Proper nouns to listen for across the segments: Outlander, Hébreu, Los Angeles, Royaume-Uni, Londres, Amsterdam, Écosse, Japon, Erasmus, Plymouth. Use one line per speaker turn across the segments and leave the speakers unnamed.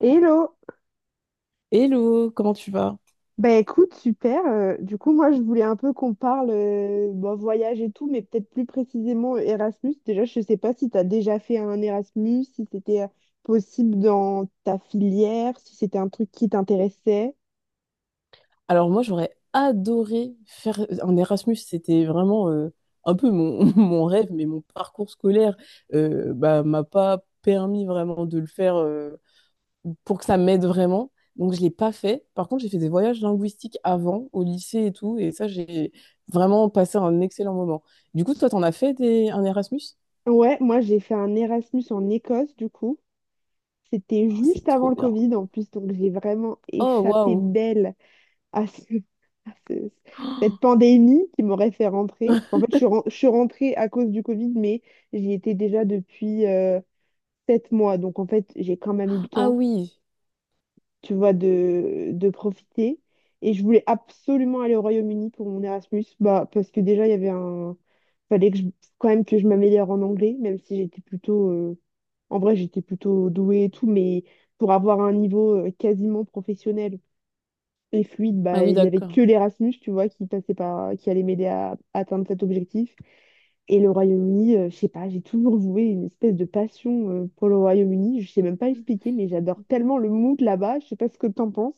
Hello!
Hello, comment tu vas?
Bah écoute, super. Du coup, moi, je voulais un peu qu'on parle bon, voyage et tout, mais peut-être plus précisément Erasmus. Déjà, je sais pas si tu as déjà fait un Erasmus, si c'était possible dans ta filière, si c'était un truc qui t'intéressait.
Alors moi j'aurais adoré faire un Erasmus, c'était vraiment un peu mon, mon rêve, mais mon parcours scolaire m'a pas permis vraiment de le faire pour que ça m'aide vraiment. Donc je l'ai pas fait. Par contre j'ai fait des voyages linguistiques avant, au lycée et tout, et ça j'ai vraiment passé un excellent moment. Du coup toi t'en as fait des, un Erasmus?
Ouais, moi, j'ai fait un Erasmus en Écosse, du coup. C'était
Oh, c'est
juste avant
trop
le
bien.
Covid, en plus, donc j'ai vraiment
Oh
échappé
waouh!
belle. à, ce- à ce- cette pandémie qui m'aurait fait rentrer. En fait, je suis rentrée à cause du Covid, mais j'y étais déjà depuis sept mois. Donc, en fait, j'ai quand même eu le
Ah
temps,
oui,
tu vois, de profiter. Et je voulais absolument aller au Royaume-Uni pour mon Erasmus, bah, parce que déjà, il y avait un... fallait que je- quand même que je m'améliore en anglais, même si j'étais plutôt... en vrai, j'étais plutôt douée et tout, mais pour avoir un niveau quasiment professionnel. Et fluide,
ah
bah,
oui
il y avait
d'accord.
que l'Erasmus, tu vois, qui allait m'aider atteindre cet objectif. Et le Royaume-Uni, je sais pas, j'ai toujours voué une espèce de passion pour le Royaume-Uni. Je sais même pas expliquer, mais j'adore tellement le mood là-bas. Je sais pas ce que t'en penses.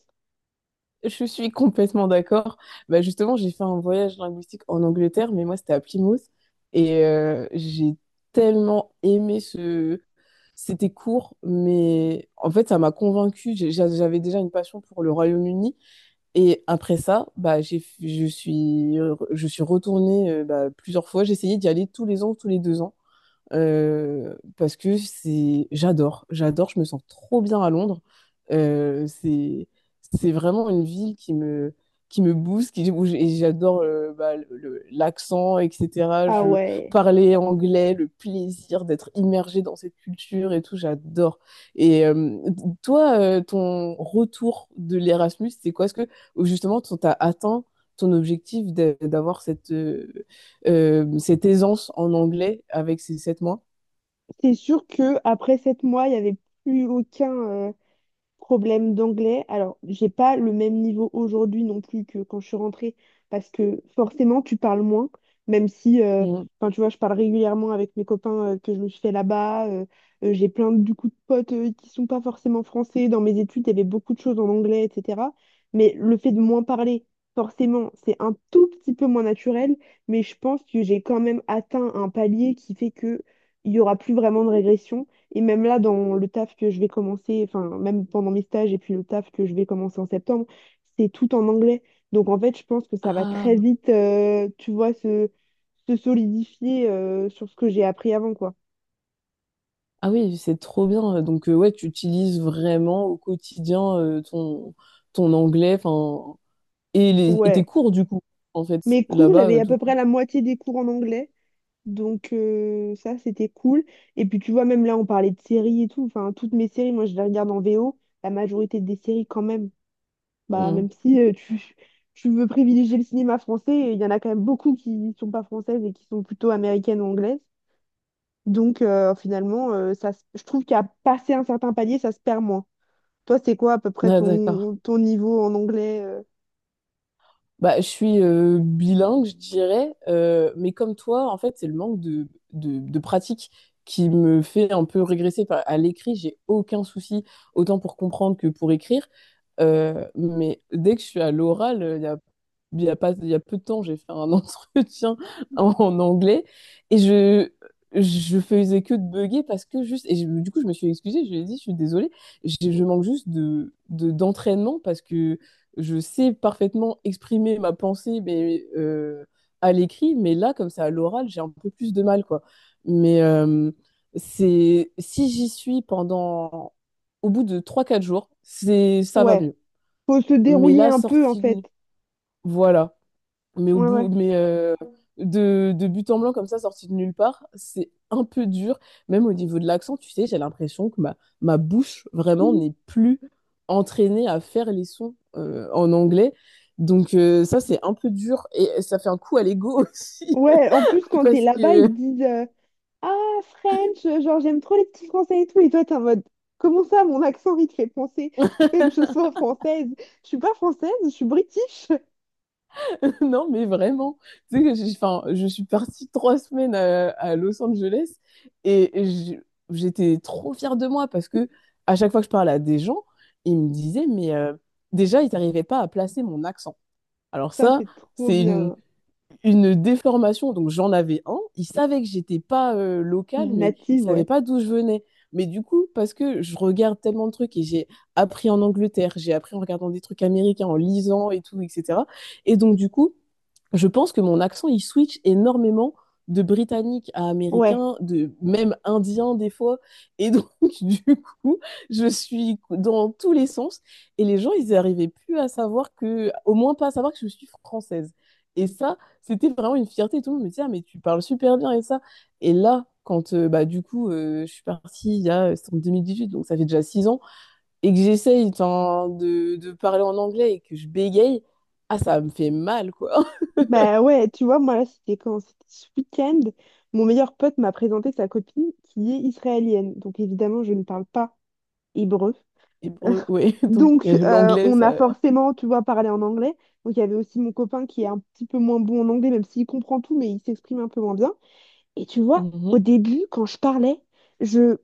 Je suis complètement d'accord. Bah justement, j'ai fait un voyage linguistique en Angleterre, mais moi, c'était à Plymouth. Et j'ai tellement aimé ce... C'était court, mais en fait, ça m'a convaincue. J'avais déjà une passion pour le Royaume-Uni. Et après ça, je suis retournée plusieurs fois. J'ai essayé d'y aller tous les ans, tous les deux ans parce que j'adore, j'adore, je me sens trop bien à Londres. Euh, c'est, c'est vraiment une ville qui me booste, où j'adore l'accent, etc.
Ah
Je
ouais.
parlais anglais, le plaisir d'être immergée dans cette culture et tout, j'adore. Et toi, ton retour de l'Erasmus, c'est quoi? Est-ce que justement, tu as atteint ton objectif d'avoir cette, cette aisance en anglais avec ces 7 mois.
C'est sûr que après sept mois, il y avait plus aucun, problème d'anglais. Alors, j'ai pas le même niveau aujourd'hui non plus que quand je suis rentrée, parce que forcément, tu parles moins, même si,
Mm.
enfin, tu vois, je parle régulièrement avec mes copains que je me suis fait là-bas. J'ai plein du coup de potes qui sont pas forcément français. Dans mes études, il y avait beaucoup de choses en anglais, etc. Mais le fait de moins parler, forcément, c'est un tout petit peu moins naturel, mais je pense que j'ai quand même atteint un palier qui fait que il y aura plus vraiment de régression. Et même là, dans le taf que je vais commencer, enfin, même pendant mes stages et puis le taf que je vais commencer en septembre, c'est tout en anglais. Donc, en fait, je pense que ça va
Ah,
très vite, tu vois, se solidifier sur ce que j'ai appris avant, quoi.
ah oui, c'est trop bien. Donc, ouais, tu utilises vraiment au quotidien ton anglais, enfin, et tes
Ouais.
cours, du coup, en fait,
Mes cours,
là-bas,
j'avais
euh,
à
du
peu près
coup.
la moitié des cours en anglais. Donc, ça, c'était cool. Et puis, tu vois, même là, on parlait de séries et tout. Enfin, toutes mes séries, moi, je les regarde en VO. La majorité des séries, quand même. Bah,
Mm.
même si tu veux privilégier le cinéma français, il y en a quand même beaucoup qui ne sont pas françaises et qui sont plutôt américaines ou anglaises. Donc finalement, je trouve qu'à passer un certain palier, ça se perd moins. Toi, c'est quoi à peu près
Ah, d'accord.
ton niveau en anglais?
Bah, je suis bilingue, je dirais, mais comme toi, en fait, c'est le manque de pratique qui me fait un peu régresser à l'écrit. J'ai aucun souci, autant pour comprendre que pour écrire. Mais dès que je suis à l'oral, il y a pas, il y a peu de temps, j'ai fait un entretien en anglais et je faisais que de bugger parce que juste, du coup, je me suis excusée, je lui ai dit, je suis désolée, je manque juste d'entraînement parce que je sais parfaitement exprimer ma pensée mais, à l'écrit, mais là, comme ça, à l'oral, j'ai un peu plus de mal, quoi. Mais c'est si j'y suis pendant, au bout de trois quatre jours, c'est ça va
Ouais,
mieux.
faut se
Mais
dérouiller
là,
un peu en
sortie,
fait.
voilà. Mais au
Ouais,
bout,
ouais.
mais euh, de but en blanc comme ça, sorti de nulle part, c'est un peu dur. Même au niveau de l'accent, tu sais, j'ai l'impression que ma bouche vraiment
Mhm.
n'est plus entraînée à faire les sons en anglais. Donc c'est un peu dur et ça fait un coup à l'ego aussi
Ouais, en plus, quand t'es
parce
là-bas, ils
que
te disent ah, French, genre j'aime trop les petits français et tout. Et toi, t'es en mode comment ça, mon accent, il te fait penser fait que je sois française? Je suis pas française, je suis british.
non, mais vraiment. Tu sais que enfin, je suis partie 3 semaines à Los Angeles et j'étais trop fière de moi parce que à chaque fois que je parlais à des gens, ils me disaient, mais déjà, ils n'arrivaient pas à placer mon accent. Alors
Ça,
ça,
c'est trop
c'est une,
bien.
une déformation. Donc j'en avais un. Il savait que j'étais pas locale, mais il
Native,
savait
ouais.
pas d'où je venais. Mais du coup, parce que je regarde tellement de trucs et j'ai appris en Angleterre, j'ai appris en regardant des trucs américains, en lisant et tout, etc. Et donc du coup, je pense que mon accent, il switch énormément de britannique à
Ouais.
américain, de même indien des fois. Et donc, du coup, je suis dans tous les sens. Et les gens, ils n'arrivaient plus à savoir que, au moins pas à savoir que je suis française. Et ça, c'était vraiment une fierté, tout le monde me disait, ah, mais tu parles super bien et ça. Et là, quand je suis partie il y a, c'était en 2018, donc ça fait déjà 6 ans, et que j'essaye enfin, de parler en anglais et que je bégaye, ah, ça me fait mal, quoi.
Bah ouais, tu vois, moi, là, c'était quand? C'était ce week-end. Mon meilleur pote m'a présenté sa copine qui est israélienne. Donc, évidemment, je ne parle pas hébreu.
Hébreu, ouais, donc
Donc,
l'anglais,
on a
ça.
forcément, tu vois, parlé en anglais. Donc, il y avait aussi mon copain qui est un petit peu moins bon en anglais, même s'il comprend tout, mais il s'exprime un peu moins bien. Et tu vois, au
Mhm.
début, quand je parlais, je,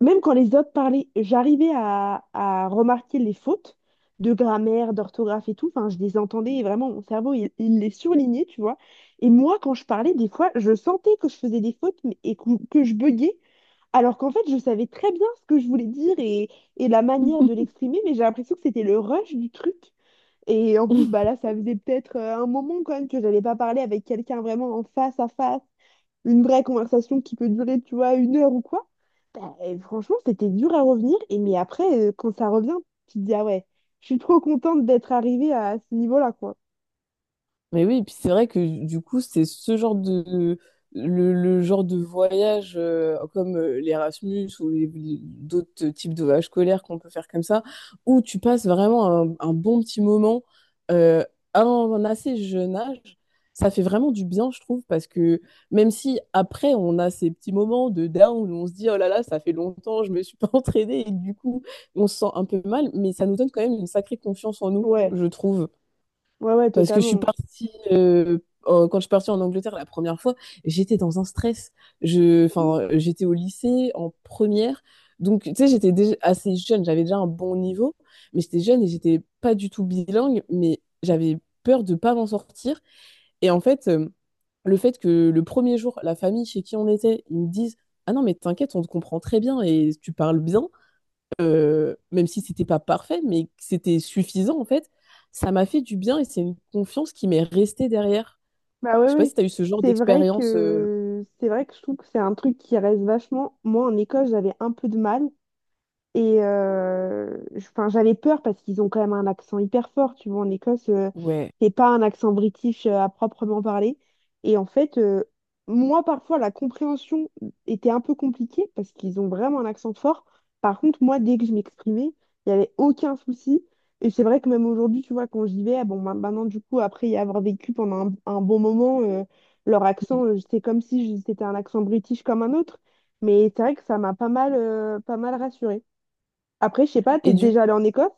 même quand les autres parlaient, j'arrivais à remarquer les fautes de grammaire, d'orthographe et tout. Enfin, je les entendais et vraiment, mon cerveau, il les surlignait, tu vois. Et moi, quand je parlais, des fois, je sentais que je faisais des fautes mais- que je buguais, alors qu'en fait, je savais très bien ce que je voulais dire et la manière de l'exprimer, mais j'ai l'impression que c'était le rush du truc. Et en plus, bah là, ça faisait peut-être un moment quand même que j'avais pas parlé avec quelqu'un vraiment en face à face, une vraie conversation qui peut durer, tu vois, une heure ou quoi, bah, franchement, c'était dur à revenir. Et mais après, quand ça revient, tu te dis, ah ouais, je suis trop contente d'être arrivée à ce niveau-là, quoi.
Mais oui, et puis c'est vrai que du coup, c'est ce le genre de voyage comme l'Erasmus ou d'autres types de voyages scolaires qu'on peut faire comme ça, où tu passes vraiment un bon petit moment euh, à un assez jeune âge. Ça fait vraiment du bien, je trouve, parce que même si après on a ces petits moments de down où on se dit oh là là, ça fait longtemps, je me suis pas entraînée et du coup on se sent un peu mal, mais ça nous donne quand même une sacrée confiance en nous,
Ouais,
je trouve.
ouais, ouais,
Parce que je suis
totalement.
partie, quand je suis partie en Angleterre la première fois, j'étais dans un stress. Je, enfin, j'étais au lycée en première. Donc, tu sais, j'étais déjà assez jeune, j'avais déjà un bon niveau, mais j'étais jeune et j'étais pas du tout bilingue, mais j'avais peur de pas m'en sortir. Et en fait, le fait que le premier jour, la famille chez qui on était, ils me disent, ah non, mais t'inquiète, on te comprend très bien et tu parles bien même si c'était pas parfait, mais c'était suffisant en fait, ça m'a fait du bien et c'est une confiance qui m'est restée derrière.
Bah ouais,
Je sais pas si
ouais.
tu as eu ce genre d'expérience. Euh,
C'est vrai que je trouve que c'est un truc qui reste vachement. Moi, en école, j'avais un peu de mal. Et 'fin, j'avais peur parce qu'ils ont quand même un accent hyper fort. Tu vois, en Écosse,
ouais.
c'est pas un accent british à proprement parler. Et en fait, moi, parfois, la compréhension était un peu compliquée parce qu'ils ont vraiment un accent fort. Par contre, moi, dès que je m'exprimais, il n'y avait aucun souci. Et c'est vrai que même aujourd'hui, tu vois, quand j'y vais, ah bon, maintenant, du coup, après y avoir vécu pendant un bon moment, leur accent, c'est comme si je- c'était un accent british comme un autre. Mais c'est vrai que ça m'a pas mal, pas mal rassurée. Après, je sais pas, t'es
Et du
déjà allé en Écosse?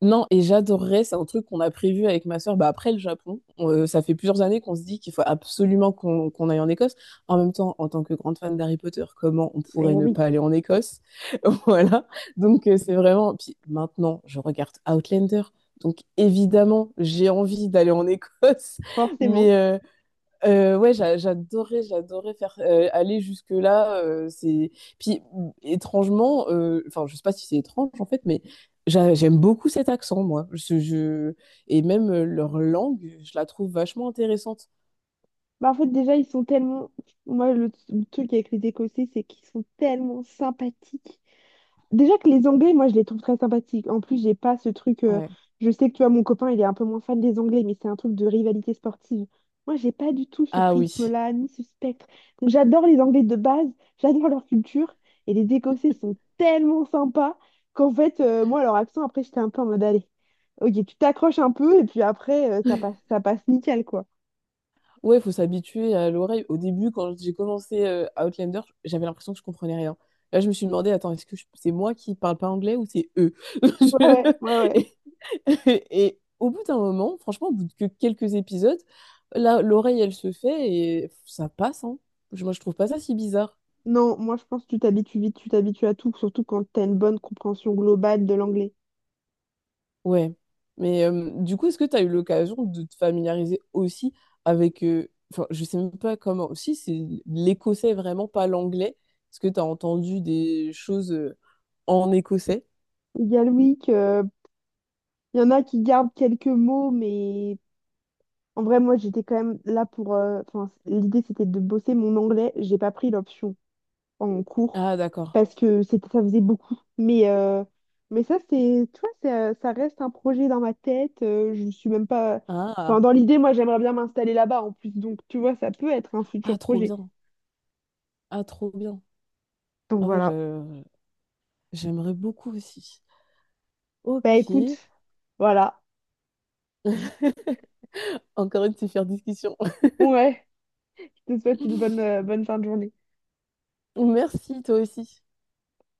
Non, et j'adorerais, c'est un truc qu'on a prévu avec ma sœur, bah après le Japon. Ça fait plusieurs années qu'on se dit qu'il faut absolument qu'on aille en Écosse. En même temps, en tant que grande fan d'Harry Potter, comment on
Eh
pourrait ne
oui,
pas aller en Écosse? Voilà. Donc c'est vraiment. Puis maintenant, je regarde Outlander. Donc évidemment, j'ai envie d'aller en Écosse.
forcément.
Mais, ouais, j'adorais, j'adorais faire aller jusque-là. Étrangement, enfin, je sais pas si c'est étrange en fait, mais j'aime beaucoup cet accent, moi. Et même leur langue, je la trouve vachement intéressante.
Bah, en fait, déjà, ils sont tellement. Moi, le truc avec les Écossais, c'est qu'ils sont tellement sympathiques. Déjà que les Anglais, moi, je les trouve très sympathiques. En plus, j'ai pas ce truc.
Ouais.
Je sais que tu vois, mon copain, il est un peu moins fan des Anglais, mais c'est un truc de rivalité sportive. Moi, j'ai pas du tout ce
Ah oui.
prisme-là, ni ce spectre. Donc, j'adore les Anglais de base, j'adore leur culture, et les Écossais sont tellement sympas qu'en fait, moi, leur accent, après, j'étais un peu en mode, allez, ok, tu t'accroches un peu, et puis après, ça passe nickel, quoi.
Ouais, faut s'habituer à l'oreille. Au début, quand j'ai commencé Outlander, j'avais l'impression que je comprenais rien. Là, je me suis demandé, attends, c'est moi qui parle pas anglais ou c'est eux?
Ouais,
Je-
ouais, ouais, ouais.
Et au bout d'un moment, franchement, au bout de quelques épisodes, là, l'oreille, elle se fait et ça passe, hein. Moi, je trouve pas ça si bizarre.
Non, moi, je pense que tu t'habitues vite, tu t'habitues à tout, surtout quand t'as une bonne compréhension globale de l'anglais.
Ouais, mais du coup, est-ce que tu as eu l'occasion de te familiariser aussi avec, enfin, je sais même pas comment, aussi c'est l'écossais vraiment, pas l'anglais. Est-ce que tu as entendu des choses en écossais?
Il y a le week, il y en a qui gardent quelques mots, mais en vrai, moi, j'étais quand même là pour. Enfin, l'idée, c'était de bosser mon anglais. J'ai pas pris l'option en cours
Ah, d'accord.
parce que c'était, ça faisait beaucoup. Mais, mais ça, c'est, tu vois, ça reste un projet dans ma tête. Je suis même pas. Enfin,
Ah,
dans l'idée, moi, j'aimerais bien m'installer là-bas en plus. Donc, tu vois, ça peut être un
ah,
futur
trop
projet.
bien. Ah, trop bien.
Donc,
Ah ouais,
voilà.
j'aimerais beaucoup aussi.
Bah,
Ok,
écoute, voilà.
encore une super discussion.
Ouais, je te souhaite une bonne, bonne fin de journée.
Merci, toi aussi.